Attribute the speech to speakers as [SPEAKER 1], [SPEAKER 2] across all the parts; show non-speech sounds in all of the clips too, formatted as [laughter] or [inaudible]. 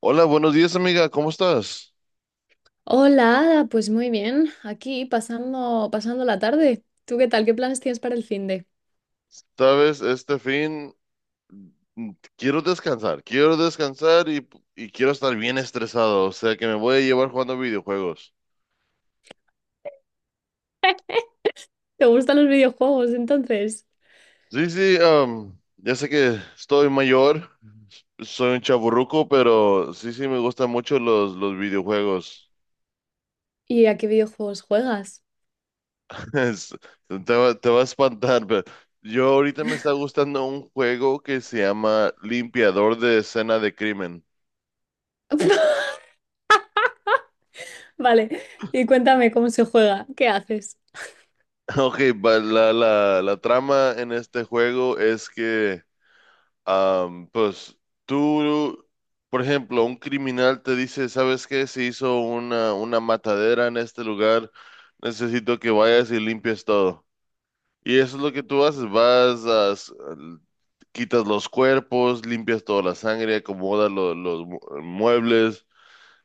[SPEAKER 1] Hola, buenos días, amiga. ¿Cómo estás?
[SPEAKER 2] Hola, Ada, pues muy bien, aquí pasando la tarde. ¿Tú qué tal? ¿Qué planes tienes para el fin de?
[SPEAKER 1] Sabes, este fin mm, quiero descansar, y quiero estar bien estresado, o sea que me voy a llevar jugando videojuegos.
[SPEAKER 2] ¿Te gustan los videojuegos entonces?
[SPEAKER 1] Sí, sí, ya sé que estoy mayor, soy un chaburruco, pero sí, sí, me gustan mucho los videojuegos.
[SPEAKER 2] ¿Y a qué videojuegos juegas?
[SPEAKER 1] [laughs] Es- te va a espantar, pero yo ahorita me está gustando un juego que se llama Limpiador de Escena de Crimen.
[SPEAKER 2] [laughs] Vale, y cuéntame cómo se juega, ¿qué haces?
[SPEAKER 1] Ok, la trama en este juego es que, pues, tú, por ejemplo, un criminal te dice, ¿sabes qué? Se hizo una matadera en este lugar, necesito que vayas y limpies todo. Y eso es lo que tú haces, vas, quitas los cuerpos, limpias toda la sangre, acomodas los muebles,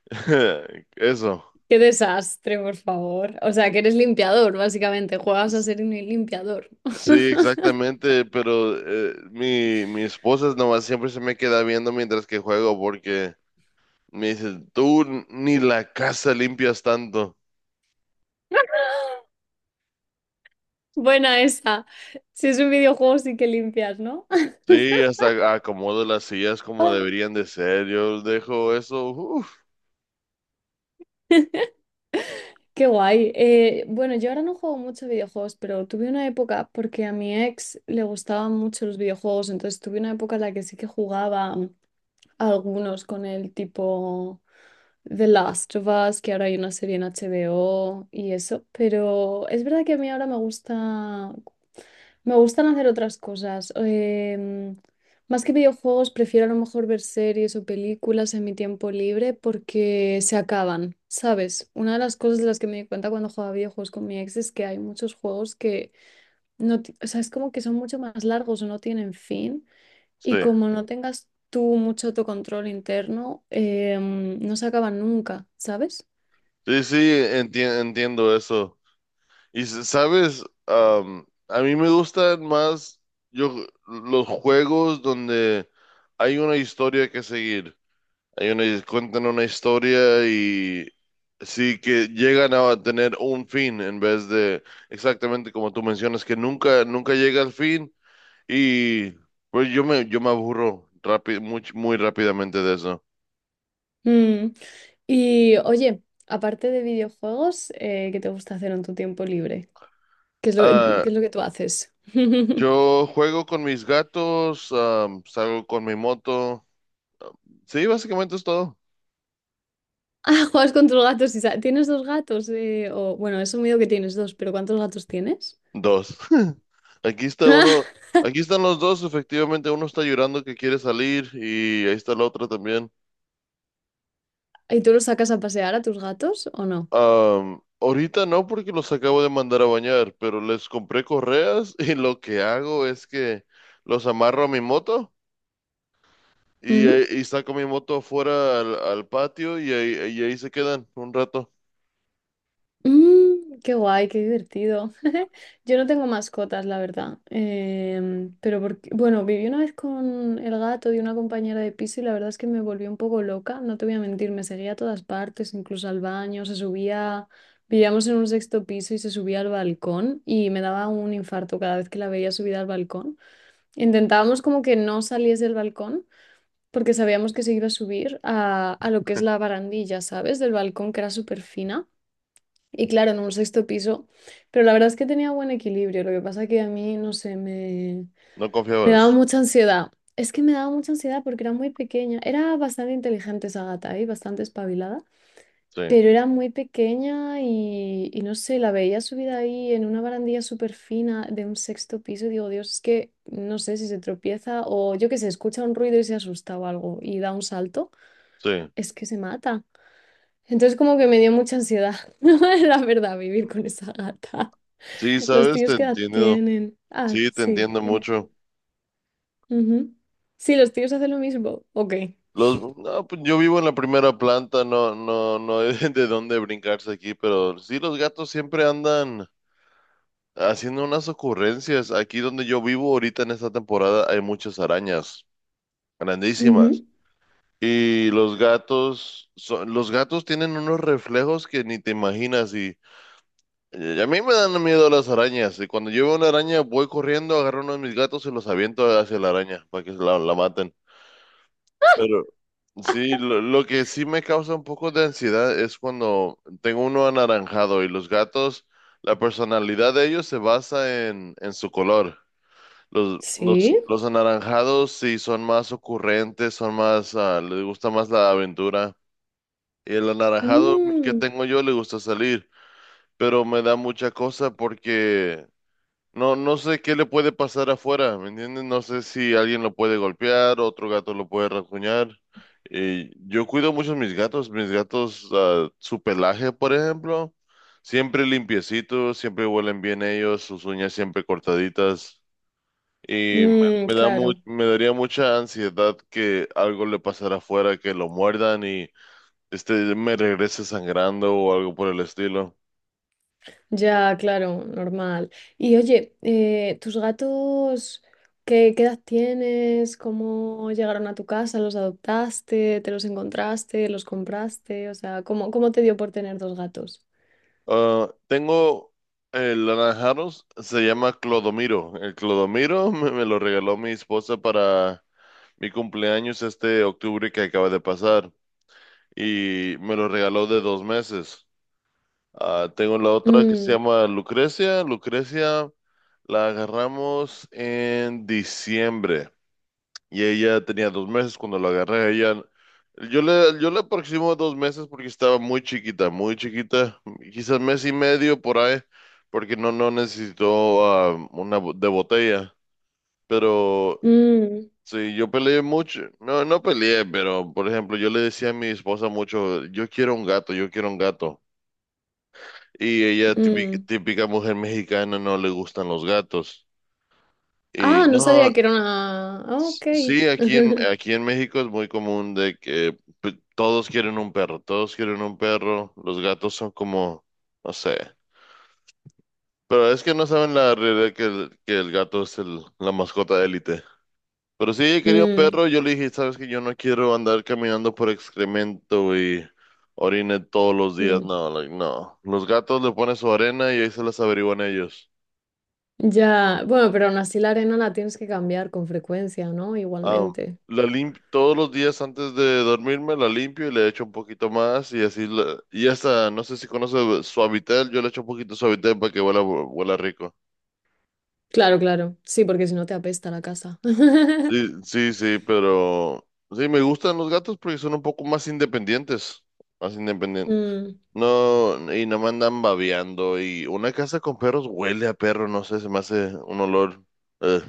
[SPEAKER 1] [laughs] eso.
[SPEAKER 2] Qué desastre, por favor. O sea, que eres limpiador, básicamente, juegas a ser un limpiador.
[SPEAKER 1] Sí,
[SPEAKER 2] [laughs]
[SPEAKER 1] exactamente, pero mi esposa nomás siempre se me queda viendo mientras que juego porque me dice, tú ni la casa limpias tanto.
[SPEAKER 2] Buena esa. Si es un videojuego, sí que limpias, ¿no?
[SPEAKER 1] Sí, hasta acomodo las sillas como
[SPEAKER 2] [laughs]
[SPEAKER 1] deberían de ser, yo dejo eso, uf,
[SPEAKER 2] Qué guay. Bueno, yo ahora no juego mucho a videojuegos, pero tuve una época porque a mi ex le gustaban mucho los videojuegos, entonces tuve una época en la que sí que jugaba algunos con el tipo. The Last of Us, que ahora hay una serie en HBO y eso, pero es verdad que a mí ahora me gusta, me gustan hacer otras cosas. Más que videojuegos, prefiero a lo mejor ver series o películas en mi tiempo libre porque se acaban, ¿sabes? Una de las cosas de las que me di cuenta cuando jugaba videojuegos con mi ex es que hay muchos juegos que no, ti- o sea, es como que son mucho más largos o no tienen fin.
[SPEAKER 1] sí,
[SPEAKER 2] Y como no tengas tú mucho autocontrol interno, no se acaban nunca, ¿sabes?
[SPEAKER 1] sí, sí, entiendo eso. Y sabes, a mí me gustan más yo, los juegos donde hay una historia que seguir. Hay una, cuentan una historia y sí que llegan a tener un fin en vez de exactamente como tú mencionas, que nunca, nunca llega al fin y pues yo me aburro rápido, muy, muy rápidamente de eso.
[SPEAKER 2] Mm. Y oye, aparte de videojuegos, ¿qué te gusta hacer en tu tiempo libre? ¿Qué
[SPEAKER 1] Ah,
[SPEAKER 2] es lo que tú haces? [laughs]
[SPEAKER 1] yo juego con mis gatos, salgo con mi moto. Sí, básicamente es todo.
[SPEAKER 2] Ah, juegas con tus gatos. ¿Tienes dos gatos? Bueno, he asumido que tienes dos, pero ¿cuántos gatos tienes?
[SPEAKER 1] Dos. [laughs] Aquí está uno,
[SPEAKER 2] [laughs]
[SPEAKER 1] aquí están los dos, efectivamente uno está llorando que quiere salir y ahí está la otra también.
[SPEAKER 2] ¿Y tú los sacas a pasear a tus gatos o no?
[SPEAKER 1] Ahorita no porque los acabo de mandar a bañar, pero les compré correas [laughs] y lo que hago es que los amarro a mi moto
[SPEAKER 2] Ujú.
[SPEAKER 1] y saco mi moto afuera al patio y ahí se quedan un rato.
[SPEAKER 2] Mm, qué guay, qué divertido. [laughs] Yo no tengo mascotas, la verdad. Pero porque, bueno, viví una vez con el gato de una compañera de piso y la verdad es que me volvió un poco loca, no te voy a mentir, me seguía a todas partes, incluso al baño, se subía, vivíamos en un sexto piso y se subía al balcón y me daba un infarto cada vez que la veía subida al balcón. Intentábamos como que no saliese del balcón, porque sabíamos que se iba a subir a lo que es la barandilla, ¿sabes? Del balcón, que era súper fina. Y claro, en un sexto piso, pero la verdad es que tenía buen equilibrio, lo que pasa que a mí, no sé,
[SPEAKER 1] ¿No
[SPEAKER 2] me
[SPEAKER 1] confiabas?
[SPEAKER 2] daba mucha ansiedad. Es que me daba mucha ansiedad porque era muy pequeña, era bastante inteligente esa gata, ¿eh? Bastante espabilada,
[SPEAKER 1] Sí,
[SPEAKER 2] pero era muy pequeña y no sé, la veía subida ahí en una barandilla súper fina de un sexto piso y digo, Dios, es que no sé si se tropieza o yo que sé, escucha un ruido y se asusta o algo y da un salto,
[SPEAKER 1] sí.
[SPEAKER 2] es que se mata. Entonces como que me dio mucha ansiedad, [laughs] la verdad, vivir con esa gata.
[SPEAKER 1] Sí,
[SPEAKER 2] ¿Los
[SPEAKER 1] sabes,
[SPEAKER 2] tíos
[SPEAKER 1] te
[SPEAKER 2] qué edad
[SPEAKER 1] entiendo.
[SPEAKER 2] tienen? Ah,
[SPEAKER 1] Sí, te
[SPEAKER 2] sí.
[SPEAKER 1] entiendo
[SPEAKER 2] Sí.
[SPEAKER 1] mucho.
[SPEAKER 2] Ujú. Sí, los tíos hacen lo mismo. Ok.
[SPEAKER 1] Los, no, pues yo vivo en la primera planta, no, no, no hay [laughs] de dónde brincarse aquí, pero sí, los gatos siempre andan. Haciendo unas ocurrencias, aquí donde yo vivo ahorita en esta temporada hay muchas arañas grandísimas
[SPEAKER 2] Ujú.
[SPEAKER 1] y los gatos son, los gatos tienen unos reflejos que ni te imaginas y a mí me dan miedo las arañas y cuando yo veo una araña voy corriendo, agarro uno de mis gatos y los aviento hacia la araña para que la maten. Pero sí, lo que sí me causa un poco de ansiedad es cuando tengo uno anaranjado y los gatos, la personalidad de ellos se basa en su color.
[SPEAKER 2] Sí.
[SPEAKER 1] Los anaranjados sí son más ocurrentes, son más, ah, les gusta más la aventura. Y el anaranjado que
[SPEAKER 2] Mm,
[SPEAKER 1] tengo yo le gusta salir, pero me da mucha cosa porque no, no sé qué le puede pasar afuera, ¿me entiendes? No sé si alguien lo puede golpear, otro gato lo puede rasguñar. Y yo cuido mucho mis gatos, ah, su pelaje, por ejemplo, siempre limpiecito, siempre huelen bien ellos, sus uñas siempre cortaditas. Y me,
[SPEAKER 2] mm, claro.
[SPEAKER 1] me daría mucha ansiedad que algo le pasara afuera, que lo muerdan y este me regrese sangrando o algo por el estilo.
[SPEAKER 2] Ya, claro, normal. Y oye, ¿tus gatos qué edad tienes? ¿Cómo llegaron a tu casa? ¿Los adoptaste? ¿Te los encontraste? ¿Los compraste? O sea, ¿cómo te dio por tener dos gatos?
[SPEAKER 1] Ah, tengo el naranjaros, se llama Clodomiro. El Clodomiro [laughs] me lo regaló mi esposa para mi cumpleaños este octubre que acaba de pasar y me lo regaló de dos meses. Ah, tengo la otra que se
[SPEAKER 2] Mm,
[SPEAKER 1] llama Lucrecia. Lucrecia la agarramos en diciembre. Y ella tenía dos meses cuando la agarré. Ella, yo le aproximo dos meses porque estaba muy chiquita, muy chiquita. Quizás mes y medio por ahí, porque no, no necesitó una de botella. Pero
[SPEAKER 2] mm,
[SPEAKER 1] sí, yo peleé mucho. No, no peleé, pero por ejemplo, yo le decía a mi esposa mucho, yo quiero un gato, yo quiero un gato. Y ella, típica,
[SPEAKER 2] mm.
[SPEAKER 1] típica mujer mexicana, no le gustan los gatos. Y
[SPEAKER 2] Ah, no
[SPEAKER 1] no,
[SPEAKER 2] sabía que era una... Ah, ok.
[SPEAKER 1] sí,
[SPEAKER 2] [laughs]
[SPEAKER 1] aquí en México es muy común de que todos quieren un perro, todos quieren un perro, los gatos son como, no sé, pero es que no saben la realidad que que el gato es el, la mascota de élite. Pero si ella quería un
[SPEAKER 2] Mm,
[SPEAKER 1] perro, yo le dije, sabes que yo no quiero andar caminando por excremento y orine todos los días,
[SPEAKER 2] mm.
[SPEAKER 1] no, like, no. Los gatos le ponen su arena y ahí se las averiguan ellos.
[SPEAKER 2] Ya, bueno, pero aún así la arena la tienes que cambiar con frecuencia, ¿no?
[SPEAKER 1] Am,
[SPEAKER 2] Igualmente.
[SPEAKER 1] todos los días antes de dormirme la limpio y le echo un poquito más y así y hasta no sé si conoce Suavitel, yo le echo un poquito de Suavitel para que huela, huela rico.
[SPEAKER 2] Claro, claro. Sí, porque si no te apesta la casa. [laughs]
[SPEAKER 1] Sí, sí, sí, pero sí me gustan los gatos porque son un poco más independientes, más independientes.
[SPEAKER 2] Mm.
[SPEAKER 1] No, y no me andan babeando y una casa con perros huele a perro, no sé, se me hace un olor. eh.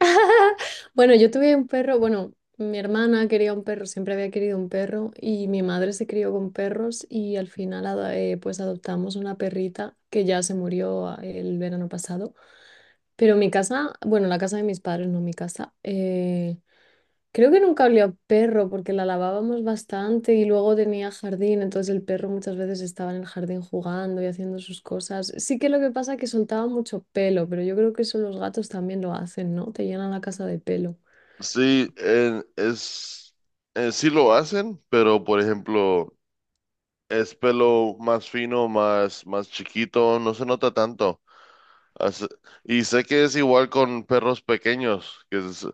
[SPEAKER 2] [laughs] Bueno, yo tuve un perro, bueno, mi hermana quería un perro, siempre había querido un perro y mi madre se crió con perros y al final pues adoptamos una perrita que ya se murió ah, el verano pasado. Pero mi casa, bueno, la casa de mis padres, no mi casa. Creo que nunca olía a perro porque la lavábamos bastante y luego tenía jardín, entonces el perro muchas veces estaba en el jardín jugando y haciendo sus cosas. Sí que lo que pasa es que soltaba mucho pelo, pero yo creo que eso los gatos también lo hacen, ¿no? Te llenan la casa de pelo.
[SPEAKER 1] Sí, es sí lo hacen, pero por ejemplo es pelo más fino, más, más chiquito, no se nota tanto. Hace- Y sé que es igual con perros pequeños, que es,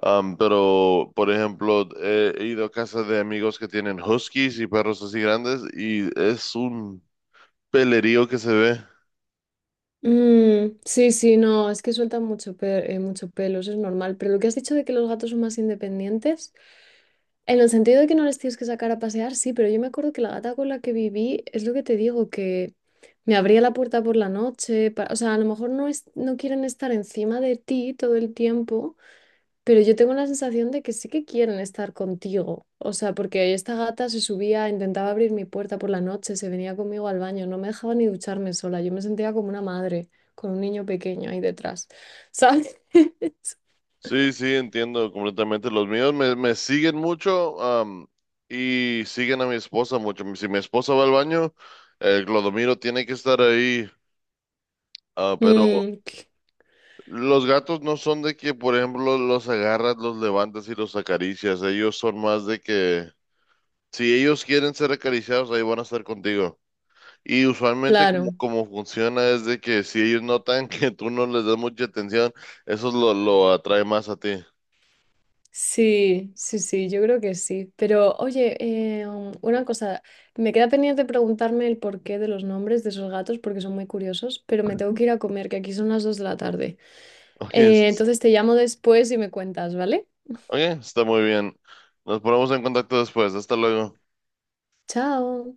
[SPEAKER 1] pero por ejemplo, he ido a casa de amigos que tienen huskies y perros así grandes y es un pelerío que se ve.
[SPEAKER 2] Mm, sí, sí, no, es que sueltan mucho, mucho pelo, eso es normal. Pero lo que has dicho de que los gatos son más independientes, en el sentido de que no les tienes que sacar a pasear, sí, pero yo me acuerdo que la gata con la que viví, es lo que te digo, que me abría la puerta por la noche, o sea, a lo mejor no, no quieren estar encima de ti todo el tiempo, pero yo tengo la sensación de que sí que quieren estar contigo. O sea, porque esta gata se subía, intentaba abrir mi puerta por la noche, se venía conmigo al baño, no me dejaba ni ducharme sola. Yo me sentía como una madre con un niño pequeño ahí detrás. ¿Sabes? [laughs]
[SPEAKER 1] Sí, sí, entiendo completamente. Los míos me siguen mucho, y siguen a mi esposa mucho. Si mi esposa va al baño, el Clodomiro tiene que estar ahí. Ah, pero
[SPEAKER 2] Mm, c-
[SPEAKER 1] los gatos no son de que, por ejemplo, los agarras, los levantas y los acaricias. Ellos son más de que, si ellos quieren ser acariciados, ahí van a estar contigo. Y usualmente como,
[SPEAKER 2] claro.
[SPEAKER 1] como funciona es de que si ellos notan [laughs] que tú no les das mucha atención, eso lo atrae más a ti.
[SPEAKER 2] Sí, sí, sí, yo creo que sí. Pero oye, una cosa, me queda pendiente preguntarme el porqué de los nombres de esos gatos porque son muy curiosos, pero me tengo que ir a comer, que aquí son las dos de la tarde.
[SPEAKER 1] Oye,
[SPEAKER 2] Entonces te llamo después y me cuentas, ¿vale?
[SPEAKER 1] oye, está muy bien. Nos ponemos en contacto después. Hasta luego.
[SPEAKER 2] Chao.